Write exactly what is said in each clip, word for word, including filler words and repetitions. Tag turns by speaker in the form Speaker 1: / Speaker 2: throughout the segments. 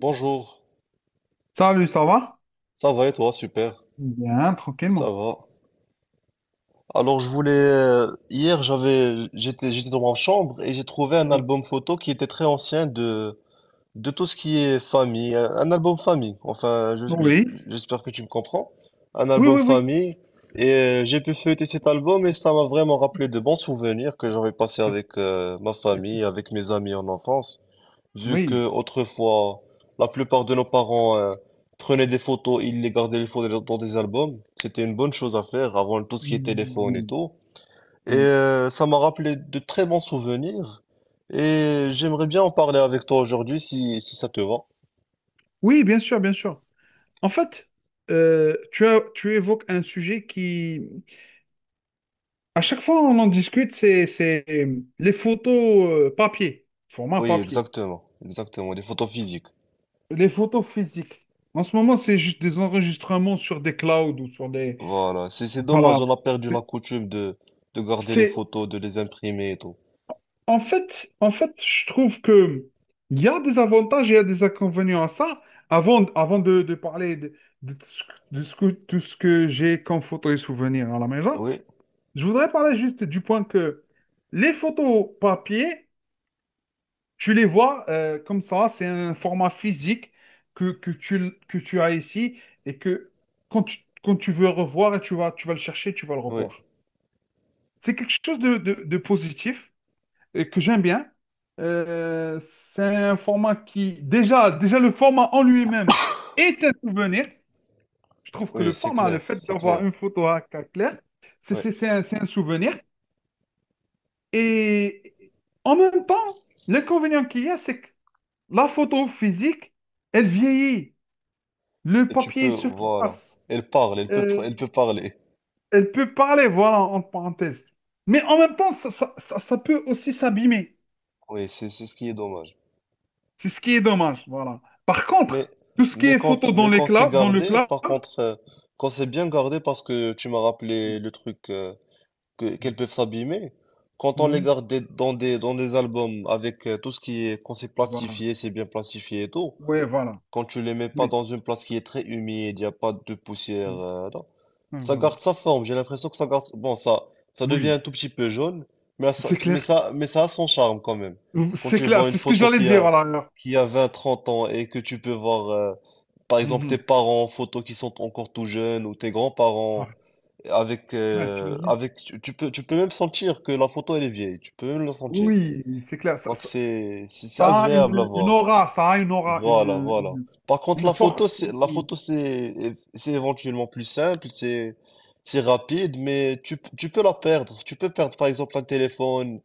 Speaker 1: Bonjour,
Speaker 2: Salut, ça va?
Speaker 1: ça va et toi? Super,
Speaker 2: Bien,
Speaker 1: ça
Speaker 2: tranquillement.
Speaker 1: va. Alors je voulais euh, hier j'avais j'étais j'étais dans ma chambre et j'ai trouvé un
Speaker 2: Oh,
Speaker 1: album photo qui était très ancien de de tout ce qui est famille, un, un album famille. Enfin, je- je-
Speaker 2: Oui,
Speaker 1: j'espère que tu me comprends. Un
Speaker 2: oui,
Speaker 1: album
Speaker 2: oui, oui,
Speaker 1: famille et euh, j'ai pu feuilleter cet album et ça m'a vraiment rappelé de bons souvenirs que j'avais passés avec euh, ma famille, avec mes amis en enfance. Vu que
Speaker 2: oui,
Speaker 1: autrefois, la plupart de nos parents euh, prenaient des photos, ils les gardaient les photos dans dans des albums. C'était une bonne chose à faire avant tout ce qui est téléphone et
Speaker 2: Mm,
Speaker 1: tout. Et
Speaker 2: oui,
Speaker 1: euh, ça m'a rappelé de très bons souvenirs. Et j'aimerais bien en parler avec toi aujourd'hui si, si ça te va.
Speaker 2: oui, bien sûr, bien sûr. En fait, euh, tu as, tu évoques un sujet qui, à chaque fois on en discute, c'est, c'est euh, les photos euh, papier, format
Speaker 1: Oui,
Speaker 2: papier,
Speaker 1: exactement, exactement, des photos physiques.
Speaker 2: les photos physiques. En ce moment, c'est juste des enregistrements sur des clouds ou sur des,
Speaker 1: Voilà, c'est c'est
Speaker 2: voilà.
Speaker 1: dommage, on a perdu la coutume de, de garder les
Speaker 2: C'est,
Speaker 1: photos, de les imprimer et tout.
Speaker 2: En fait, en fait, je trouve que il y a des avantages et il y a des inconvénients à ça. Avant, avant de, de parler de, de tout ce, que, de ce que- tout ce que j'ai comme photos et souvenirs à la maison,
Speaker 1: Oui,
Speaker 2: je voudrais parler juste du point que les photos papier, tu les vois euh, comme ça, c'est un format physique que, que tu, que tu as ici et que quand tu, quand tu veux revoir, tu vas, tu vas le chercher, tu vas le
Speaker 1: oui,
Speaker 2: revoir. C'est quelque chose de, de de positif et que j'aime bien. Euh, c'est un format qui, déjà, déjà le format en lui-même est un souvenir. Je trouve que le
Speaker 1: oui, c'est
Speaker 2: format, le
Speaker 1: clair,
Speaker 2: fait
Speaker 1: c'est
Speaker 2: d'avoir
Speaker 1: clair.
Speaker 2: une photo à cas clair, c'est
Speaker 1: Oui.
Speaker 2: c'est- c'est un, c'est un souvenir. Et en même temps, l'inconvénient qu'il y a, c'est que la photo physique, elle vieillit. Le
Speaker 1: Et tu
Speaker 2: papier
Speaker 1: peux,
Speaker 2: se
Speaker 1: voilà.
Speaker 2: froisse.
Speaker 1: Elle parle, elle peut, pr-
Speaker 2: Euh,
Speaker 1: elle peut parler.
Speaker 2: elle peut parler, voilà, en parenthèse. Mais en même temps, ça, ça, ça, ça peut aussi s'abîmer.
Speaker 1: Oui, c'est c'est ce qui est dommage.
Speaker 2: C'est ce qui est dommage, voilà. Par
Speaker 1: Mais,
Speaker 2: contre, tout ce qui
Speaker 1: mais
Speaker 2: est
Speaker 1: quand,
Speaker 2: photo dans
Speaker 1: mais
Speaker 2: les
Speaker 1: quand c'est
Speaker 2: cla- dans le
Speaker 1: gardé,
Speaker 2: cloud,
Speaker 1: par contre, euh, quand c'est bien gardé, parce que tu m'as rappelé
Speaker 2: oui.
Speaker 1: le truc euh, que,
Speaker 2: Mhm.
Speaker 1: qu'elles peuvent s'abîmer, quand on les
Speaker 2: Mhm.
Speaker 1: garde des- dans des, dans des albums avec euh, tout ce qui est, quand c'est
Speaker 2: Voilà.
Speaker 1: plastifié, c'est bien plastifié et tout,
Speaker 2: Ouais, voilà.
Speaker 1: quand tu les mets pas
Speaker 2: Oui.
Speaker 1: dans une place qui est très humide, il n'y a pas de poussière,
Speaker 2: Mhm.
Speaker 1: euh, non.
Speaker 2: Ouais,
Speaker 1: Ça
Speaker 2: voilà.
Speaker 1: garde sa forme, j'ai l'impression que ça garde... Bon, ça, ça devient
Speaker 2: Oui,
Speaker 1: un tout petit peu jaune, mais ça,
Speaker 2: c'est
Speaker 1: mais
Speaker 2: clair.
Speaker 1: ça, mais ça a son charme quand même. Quand
Speaker 2: C'est
Speaker 1: tu
Speaker 2: clair,
Speaker 1: vois une
Speaker 2: c'est ce que
Speaker 1: photo
Speaker 2: j'allais
Speaker 1: qui
Speaker 2: dire,
Speaker 1: a,
Speaker 2: voilà. alors.
Speaker 1: qui a vingt, trente ans et que tu peux voir, euh, par exemple, tes
Speaker 2: Mhm.
Speaker 1: parents en photo qui sont encore tout jeunes ou tes grands-parents,
Speaker 2: Ouais,
Speaker 1: avec,
Speaker 2: Ouais,
Speaker 1: euh,
Speaker 2: t'imagines?
Speaker 1: avec, tu tu peux, tu peux même sentir que la photo elle est vieille, tu peux même le sentir.
Speaker 2: Oui, c'est clair. Ça,
Speaker 1: Donc
Speaker 2: ça-
Speaker 1: c'est, c'est c'est
Speaker 2: ça a
Speaker 1: agréable à
Speaker 2: une, une
Speaker 1: voir.
Speaker 2: aura, ça a une aura, une,
Speaker 1: Voilà, voilà.
Speaker 2: une,
Speaker 1: Par contre,
Speaker 2: une
Speaker 1: la photo,
Speaker 2: force.
Speaker 1: c'est la
Speaker 2: une-
Speaker 1: photo, c'est c'est éventuellement plus simple, c'est c'est rapide, mais tu, tu peux la perdre. Tu peux perdre, par exemple, un téléphone,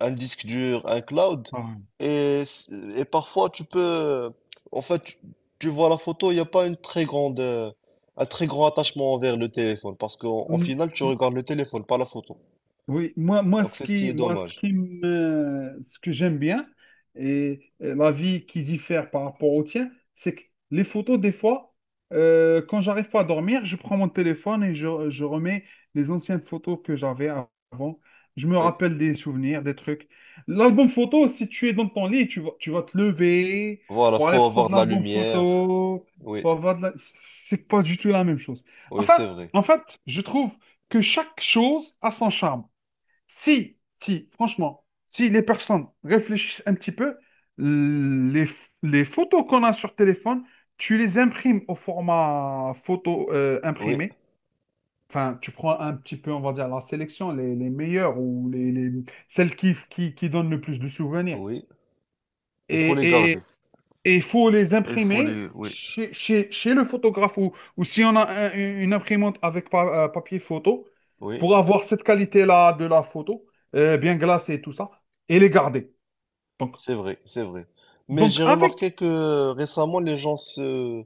Speaker 1: un disque dur, un cloud,
Speaker 2: Ouais.
Speaker 1: et c- et parfois tu peux, en fait, tu, tu vois la photo, il n'y a pas une très grande, euh, un très grand attachement envers le téléphone, parce qu'en en final, tu regardes le téléphone, pas la photo.
Speaker 2: Oui, moi, moi,
Speaker 1: Donc
Speaker 2: ce
Speaker 1: c'est ce qui
Speaker 2: qui,
Speaker 1: est
Speaker 2: moi, ce
Speaker 1: dommage.
Speaker 2: qui me, ce que j'aime bien et et la vie qui diffère par rapport au tien, c'est que les photos, des fois, euh, quand j'arrive pas à dormir, je prends mon téléphone et je, je remets les anciennes photos que j'avais avant. Je me
Speaker 1: Oui,
Speaker 2: rappelle des souvenirs, des trucs. L'album photo, si tu es dans ton lit, tu vas, tu vas te lever
Speaker 1: voilà,
Speaker 2: pour aller
Speaker 1: faut avoir
Speaker 2: prendre
Speaker 1: de la
Speaker 2: l'album
Speaker 1: lumière.
Speaker 2: photo.
Speaker 1: Oui,
Speaker 2: Pour avoir de la- C'est pas du tout la même chose.
Speaker 1: oui,
Speaker 2: Enfin,
Speaker 1: c'est vrai.
Speaker 2: en fait, je trouve que chaque chose a son charme. Si, si, franchement, si les personnes réfléchissent un petit peu, les, les photos qu'on a sur téléphone, tu les imprimes au format photo euh,
Speaker 1: Oui,
Speaker 2: imprimé. Enfin, tu prends un petit peu, on va dire, la sélection, les, les meilleures ou les, les- celles qui, qui, qui donnent le plus de souvenirs.
Speaker 1: oui. Il faut les
Speaker 2: Et,
Speaker 1: garder.
Speaker 2: et il faut les
Speaker 1: Il faut
Speaker 2: imprimer
Speaker 1: les... Oui,
Speaker 2: chez, chez- chez le photographe ou, ou si on a un- une imprimante avec pa- euh, papier photo,
Speaker 1: oui,
Speaker 2: pour avoir cette qualité-là de la photo, euh, bien glacée et tout ça, et les garder. Donc,
Speaker 1: c'est vrai, c'est vrai. Mais
Speaker 2: donc
Speaker 1: j'ai
Speaker 2: avec,
Speaker 1: remarqué que euh, récemment, les gens se...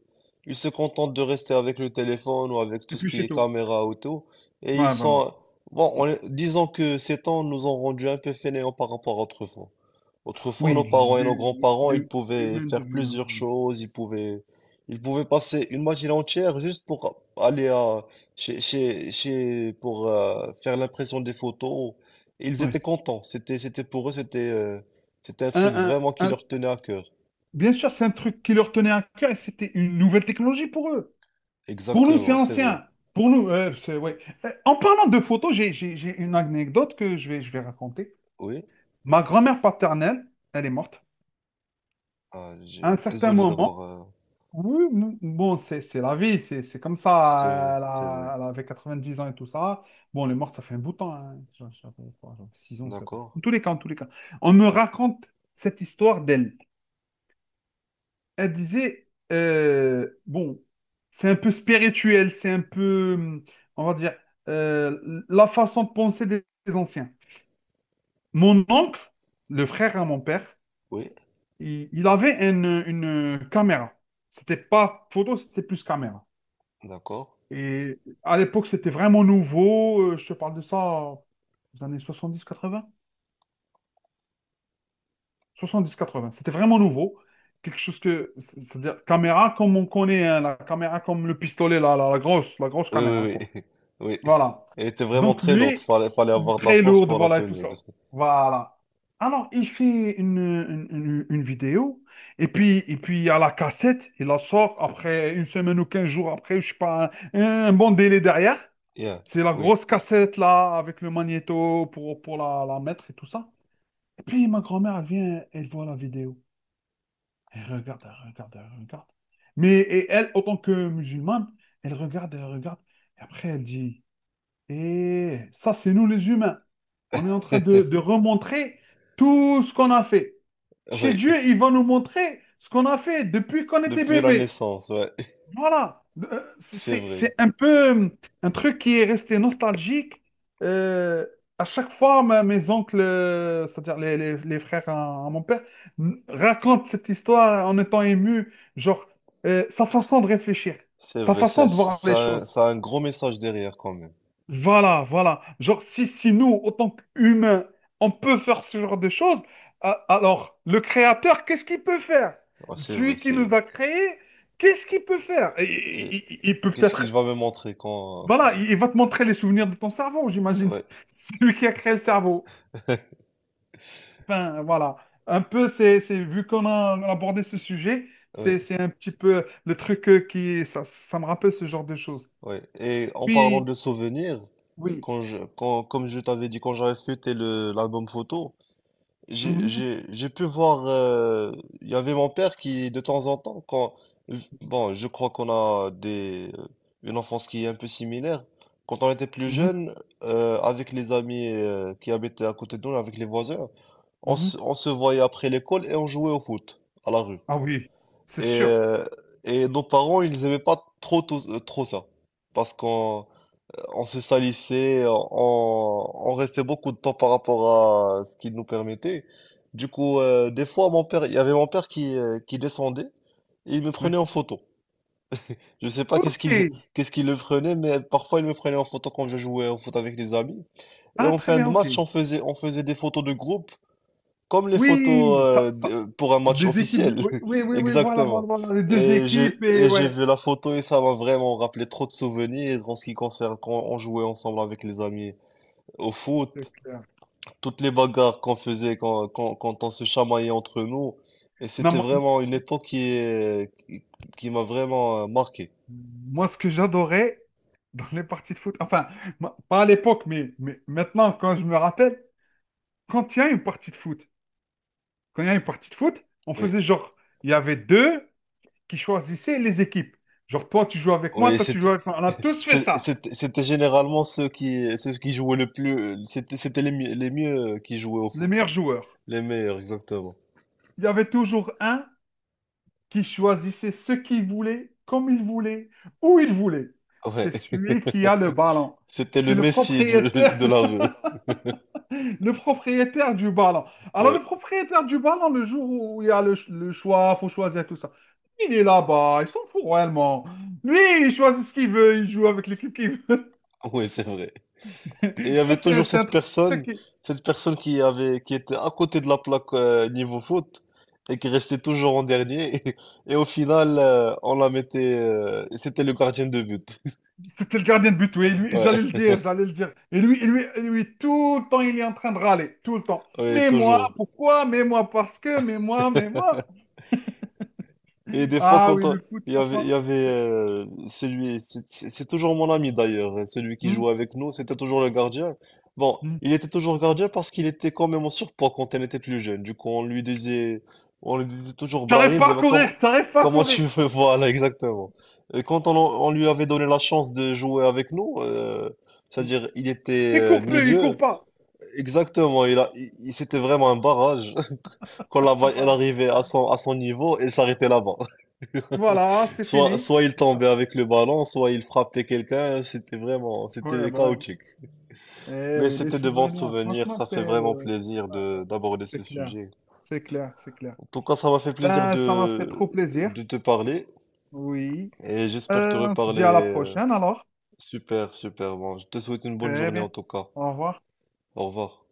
Speaker 1: Ils se contentent de rester avec le téléphone ou avec
Speaker 2: et
Speaker 1: tout ce
Speaker 2: puis
Speaker 1: qui
Speaker 2: c'est
Speaker 1: est
Speaker 2: tout.
Speaker 1: caméra auto. Et ils
Speaker 2: Ouais, voilà.
Speaker 1: sont... Bon, on est- disons que ces temps nous ont rendu un peu fainéants par rapport à autrefois. Autrefois, nos
Speaker 2: Oui,
Speaker 1: parents et nos
Speaker 2: du,
Speaker 1: grands-parents, ils
Speaker 2: du, du
Speaker 1: pouvaient
Speaker 2: même de
Speaker 1: faire
Speaker 2: lui-même.
Speaker 1: plusieurs choses, ils pouvaient, ils pouvaient passer une matinée entière juste pour aller à, chez, chez, chez- pour euh, faire l'impression des photos. Et ils étaient
Speaker 2: Ouais.
Speaker 1: contents. C'était, c'était pour eux, c'était, euh, c'était un
Speaker 2: Un-
Speaker 1: truc
Speaker 2: un-
Speaker 1: vraiment qui
Speaker 2: un-
Speaker 1: leur tenait à cœur.
Speaker 2: Bien sûr, c'est un truc qui leur tenait à cœur et c'était une nouvelle technologie pour eux. Pour nous, c'est
Speaker 1: Exactement, c'est vrai.
Speaker 2: ancien. Pour nous, euh, c'est, ouais. Euh, En parlant de photos, j'ai j'ai- j'ai une anecdote que je vais, je vais raconter.
Speaker 1: Oui?
Speaker 2: Ma grand-mère paternelle, elle est morte.
Speaker 1: Ah,
Speaker 2: À un
Speaker 1: je-
Speaker 2: certain
Speaker 1: désolé
Speaker 2: moment,
Speaker 1: d'avoir. euh,
Speaker 2: oui, m- bon, c'est c'est la vie, c'est c'est comme ça.
Speaker 1: C'est vrai,
Speaker 2: Elle,
Speaker 1: c'est vrai.
Speaker 2: a- elle avait 90 ans et tout ça. Bon, elle est morte, ça fait un bout de temps, hein. J'a- J'avais quoi, j'avais 6 ans, je sais pas.
Speaker 1: D'accord.
Speaker 2: En tous les cas, en tous les cas. On me raconte cette histoire d'elle. Elle disait, euh, bon, c'est un peu spirituel, c'est un peu, hum, on va dire, euh, la façon de penser des des anciens. Mon oncle, le frère à mon père,
Speaker 1: Oui,
Speaker 2: Il, il avait une, une caméra. C'était pas photo, c'était plus caméra.
Speaker 1: d'accord.
Speaker 2: Et à l'époque, c'était vraiment nouveau. Euh, Je te parle de ça euh, des années Soixante-dix quatre-vingts. Soixante-dix quatre-vingts. C'était vraiment nouveau. Quelque chose que, c'est- c'est-à-dire caméra comme on connaît, hein, la caméra comme le pistolet, la, la, la grosse, la grosse,
Speaker 1: Oui,
Speaker 2: caméra,
Speaker 1: oui,
Speaker 2: quoi.
Speaker 1: oui. Oui.
Speaker 2: Voilà.
Speaker 1: Elle était vraiment
Speaker 2: Donc
Speaker 1: très lourde.
Speaker 2: lui,
Speaker 1: Fallait, fallait avoir de la
Speaker 2: très
Speaker 1: force
Speaker 2: lourde,
Speaker 1: pour la
Speaker 2: voilà, et tout
Speaker 1: tenir.
Speaker 2: ça. Voilà. Alors, il fait une, une- une- une vidéo, et puis, et puis il y a la cassette, il la sort après une semaine ou quinze jours après, je sais pas, un, un bon délai derrière.
Speaker 1: Yeah,
Speaker 2: C'est la
Speaker 1: oui.
Speaker 2: grosse cassette là, avec le magnéto pour, pour la, la mettre et tout ça. Et puis ma grand-mère, elle vient, elle voit la vidéo. Elle regarde, elle regarde, elle regarde. Mais et elle, autant que musulmane, elle regarde, elle regarde. Et après, elle dit. Et ça, c'est nous les humains. On est en train de, de remontrer tout ce qu'on a fait. Chez
Speaker 1: Oui,
Speaker 2: Dieu, il va nous montrer ce qu'on a fait depuis qu'on était
Speaker 1: depuis la
Speaker 2: bébé.
Speaker 1: naissance, ouais.
Speaker 2: Voilà. Euh,
Speaker 1: C'est
Speaker 2: C'est
Speaker 1: vrai,
Speaker 2: c'est un peu hum, un truc qui est resté nostalgique. Euh, à chaque fois, ma- mes oncles, euh, c'est-à-dire les, les- les frères à, à mon père, m- racontent cette histoire en étant émus. Genre, euh, sa façon de réfléchir,
Speaker 1: c'est
Speaker 2: sa
Speaker 1: vrai,
Speaker 2: façon
Speaker 1: c'est-
Speaker 2: de voir les
Speaker 1: ça, a-
Speaker 2: choses.
Speaker 1: ça a un gros message derrière quand même.
Speaker 2: Voilà, voilà. Genre, si, si nous, autant qu'humains, on peut faire ce genre de choses, a- alors le créateur, qu'est-ce qu'il peut faire?
Speaker 1: Ouais, c'est vrai,
Speaker 2: Celui qui
Speaker 1: c'est...
Speaker 2: nous a créés, qu'est-ce qu'il peut faire? Il,
Speaker 1: et
Speaker 2: il- il peut
Speaker 1: qu'est-ce
Speaker 2: peut-être...
Speaker 1: qu'il va me montrer quand,
Speaker 2: Voilà,
Speaker 1: quand...
Speaker 2: il, il va te montrer les souvenirs de ton cerveau, j'imagine.
Speaker 1: Ouais,
Speaker 2: Celui qui a créé le cerveau. Ben, voilà. Un peu, c'est, c'est, vu qu'on a, on a abordé ce sujet,
Speaker 1: ouais,
Speaker 2: c'est, c'est un petit peu le truc euh, qui... Ça, ça me rappelle ce genre de choses.
Speaker 1: ouais. Et en parlant
Speaker 2: Puis,
Speaker 1: de souvenirs,
Speaker 2: oui.
Speaker 1: quand je, quand, comme je t'avais dit, quand j'avais fêté le, l'album photo, J'ai
Speaker 2: Mhm,
Speaker 1: j'ai- j'ai pu voir, euh, il y avait mon père qui, de temps en temps, quand, bon, je crois qu'on a des, euh, une enfance qui est un peu similaire. Quand on était plus
Speaker 2: mhm,
Speaker 1: jeune, euh, avec les amis euh, qui habitaient à côté de nous, avec les voisins, on
Speaker 2: mhm.
Speaker 1: se, on se voyait après l'école et on jouait au foot à la rue.
Speaker 2: Ah oui, c'est
Speaker 1: Et,
Speaker 2: sûr.
Speaker 1: euh, et nos parents, ils aimaient pas trop, tous- euh, trop ça. Parce qu'on on se salissait, on, on restait beaucoup de temps par rapport à ce qu'il nous permettait. Du coup, euh, des fois, mon père, il y avait mon père qui, euh, qui descendait et il me prenait
Speaker 2: Ouais.
Speaker 1: en photo. Je sais pas qu'est-ce
Speaker 2: Ok.
Speaker 1: qu'il qu'est-ce qu'il le prenait, mais parfois il me prenait en photo quand je jouais au foot avec les amis. Et
Speaker 2: Ah,
Speaker 1: en
Speaker 2: très
Speaker 1: fin de
Speaker 2: bien, ok.
Speaker 1: match, on faisait, on faisait des photos de groupe, comme les photos
Speaker 2: Oui, ça,
Speaker 1: euh,
Speaker 2: ça,
Speaker 1: de- pour un match
Speaker 2: des équipes.
Speaker 1: officiel.
Speaker 2: Oui, oui, oui, oui, voilà, voilà,
Speaker 1: Exactement.
Speaker 2: voilà, les deux
Speaker 1: Et j'ai
Speaker 2: équipes, et
Speaker 1: et j'ai
Speaker 2: ouais,
Speaker 1: vu la photo et ça m'a vraiment rappelé trop de souvenirs en ce qui concerne quand on jouait ensemble avec les amis. Au
Speaker 2: c'est
Speaker 1: foot,
Speaker 2: clair.
Speaker 1: toutes les bagarres qu'on faisait quand, quand, quand on se chamaillait entre nous, et
Speaker 2: Non,
Speaker 1: c'était
Speaker 2: moi,
Speaker 1: vraiment une époque qui est, qui, qui m'a vraiment euh, marqué.
Speaker 2: moi, ce que j'adorais dans les parties de foot, enfin, moi, pas à l'époque, mais, mais maintenant, quand je me rappelle, quand il y a une partie de foot, quand il y a une partie de foot, on
Speaker 1: Oui,
Speaker 2: faisait genre, il y avait deux qui choisissaient les équipes. Genre, toi, tu joues avec moi,
Speaker 1: oui,
Speaker 2: toi, tu joues
Speaker 1: c'était,
Speaker 2: avec moi. On a tous fait
Speaker 1: c'est-
Speaker 2: ça,
Speaker 1: c'était c'était généralement ceux qui, ceux qui jouaient le plus, c'était, c'était les mieux, les mieux qui jouaient au
Speaker 2: les
Speaker 1: foot,
Speaker 2: meilleurs joueurs.
Speaker 1: les meilleurs, exactement.
Speaker 2: Il y avait toujours un qui choisissait ce qu'il voulait, comme il voulait, où il voulait.
Speaker 1: Ouais,
Speaker 2: C'est celui qui a le ballon.
Speaker 1: c'était
Speaker 2: C'est
Speaker 1: le
Speaker 2: le
Speaker 1: Messi du,
Speaker 2: propriétaire,
Speaker 1: de la rue.
Speaker 2: le propriétaire du ballon. Alors,
Speaker 1: Ouais,
Speaker 2: le propriétaire du ballon, le jour où il y a le, ch- le choix, faut choisir tout ça. Il est là-bas, il s'en fout réellement. Lui, il choisit ce qu'il veut, il joue avec l'équipe qu'il veut.
Speaker 1: ouais, c'est vrai. Et il y
Speaker 2: Ça,
Speaker 1: avait
Speaker 2: c'est
Speaker 1: toujours
Speaker 2: c'est un
Speaker 1: cette personne,
Speaker 2: truc.
Speaker 1: cette personne qui avait, qui était à côté de la plaque euh, niveau foot et qui restait toujours en dernier. Et, au final, euh, on la mettait. euh, et c'était le gardien de but.
Speaker 2: C'était le gardien de but, oui. Lui,
Speaker 1: Ouais,
Speaker 2: j'allais le dire, j'allais le dire. Et lui, et lui, et lui, tout le temps, il est en train de râler, tout le temps.
Speaker 1: ouais,
Speaker 2: Mais moi,
Speaker 1: toujours.
Speaker 2: pourquoi? Mais moi, parce que, mais moi, mais moi.
Speaker 1: Et des fois,
Speaker 2: Ah
Speaker 1: quand
Speaker 2: oui,
Speaker 1: on-
Speaker 2: le foot,
Speaker 1: il y avait,
Speaker 2: franchement.
Speaker 1: il y avait
Speaker 2: c'est-
Speaker 1: euh, celui, c'est c'est- c'est toujours mon ami d'ailleurs, euh, celui qui
Speaker 2: Hmm,
Speaker 1: jouait avec nous, c'était toujours le gardien. Bon,
Speaker 2: hmm.
Speaker 1: il était toujours gardien parce qu'il était quand même en surpoids quand on était plus jeune. Du coup, on lui disait, on lui disait toujours
Speaker 2: T'arrives
Speaker 1: Brahim,
Speaker 2: pas
Speaker 1: ça
Speaker 2: à
Speaker 1: va, comment,
Speaker 2: courir, t'arrives pas à
Speaker 1: comment
Speaker 2: courir.
Speaker 1: tu veux, voilà, exactement. Et quand on, on lui avait donné la chance de jouer avec nous, euh,
Speaker 2: Hmm.
Speaker 1: c'est-à-dire il était
Speaker 2: Il
Speaker 1: euh,
Speaker 2: court plus, il court
Speaker 1: milieu,
Speaker 2: pas.
Speaker 1: exactement, il a, il, il- c'était vraiment un barrage. Quand la
Speaker 2: Ah,
Speaker 1: balle elle
Speaker 2: Voilà,
Speaker 1: arrivait à son, à son niveau, elle s'arrêtait là-bas.
Speaker 2: Voilà, c'est
Speaker 1: Soit,
Speaker 2: fini.
Speaker 1: soit il tombait avec le ballon, soit il frappait quelqu'un. C'était vraiment,
Speaker 2: Ouais,
Speaker 1: c'était
Speaker 2: bah ouais.
Speaker 1: chaotique.
Speaker 2: Eh
Speaker 1: Mais
Speaker 2: oui, les
Speaker 1: c'était de bons
Speaker 2: souvenirs,
Speaker 1: souvenirs.
Speaker 2: franchement,
Speaker 1: Ça fait
Speaker 2: c'est
Speaker 1: vraiment
Speaker 2: ouais,
Speaker 1: plaisir
Speaker 2: ouais,
Speaker 1: de d'aborder
Speaker 2: c'est
Speaker 1: ce
Speaker 2: clair.
Speaker 1: sujet.
Speaker 2: C'est clair, c'est clair.
Speaker 1: En tout cas, ça m'a fait plaisir
Speaker 2: Ben, ça m'a fait
Speaker 1: de
Speaker 2: trop plaisir.
Speaker 1: de te parler
Speaker 2: Oui.
Speaker 1: et j'espère te
Speaker 2: Euh, on se
Speaker 1: reparler.
Speaker 2: dit à la
Speaker 1: euh,
Speaker 2: prochaine alors.
Speaker 1: Super, super. Bon, je te souhaite une bonne
Speaker 2: Très
Speaker 1: journée en
Speaker 2: bien.
Speaker 1: tout cas.
Speaker 2: Au revoir.
Speaker 1: Au revoir.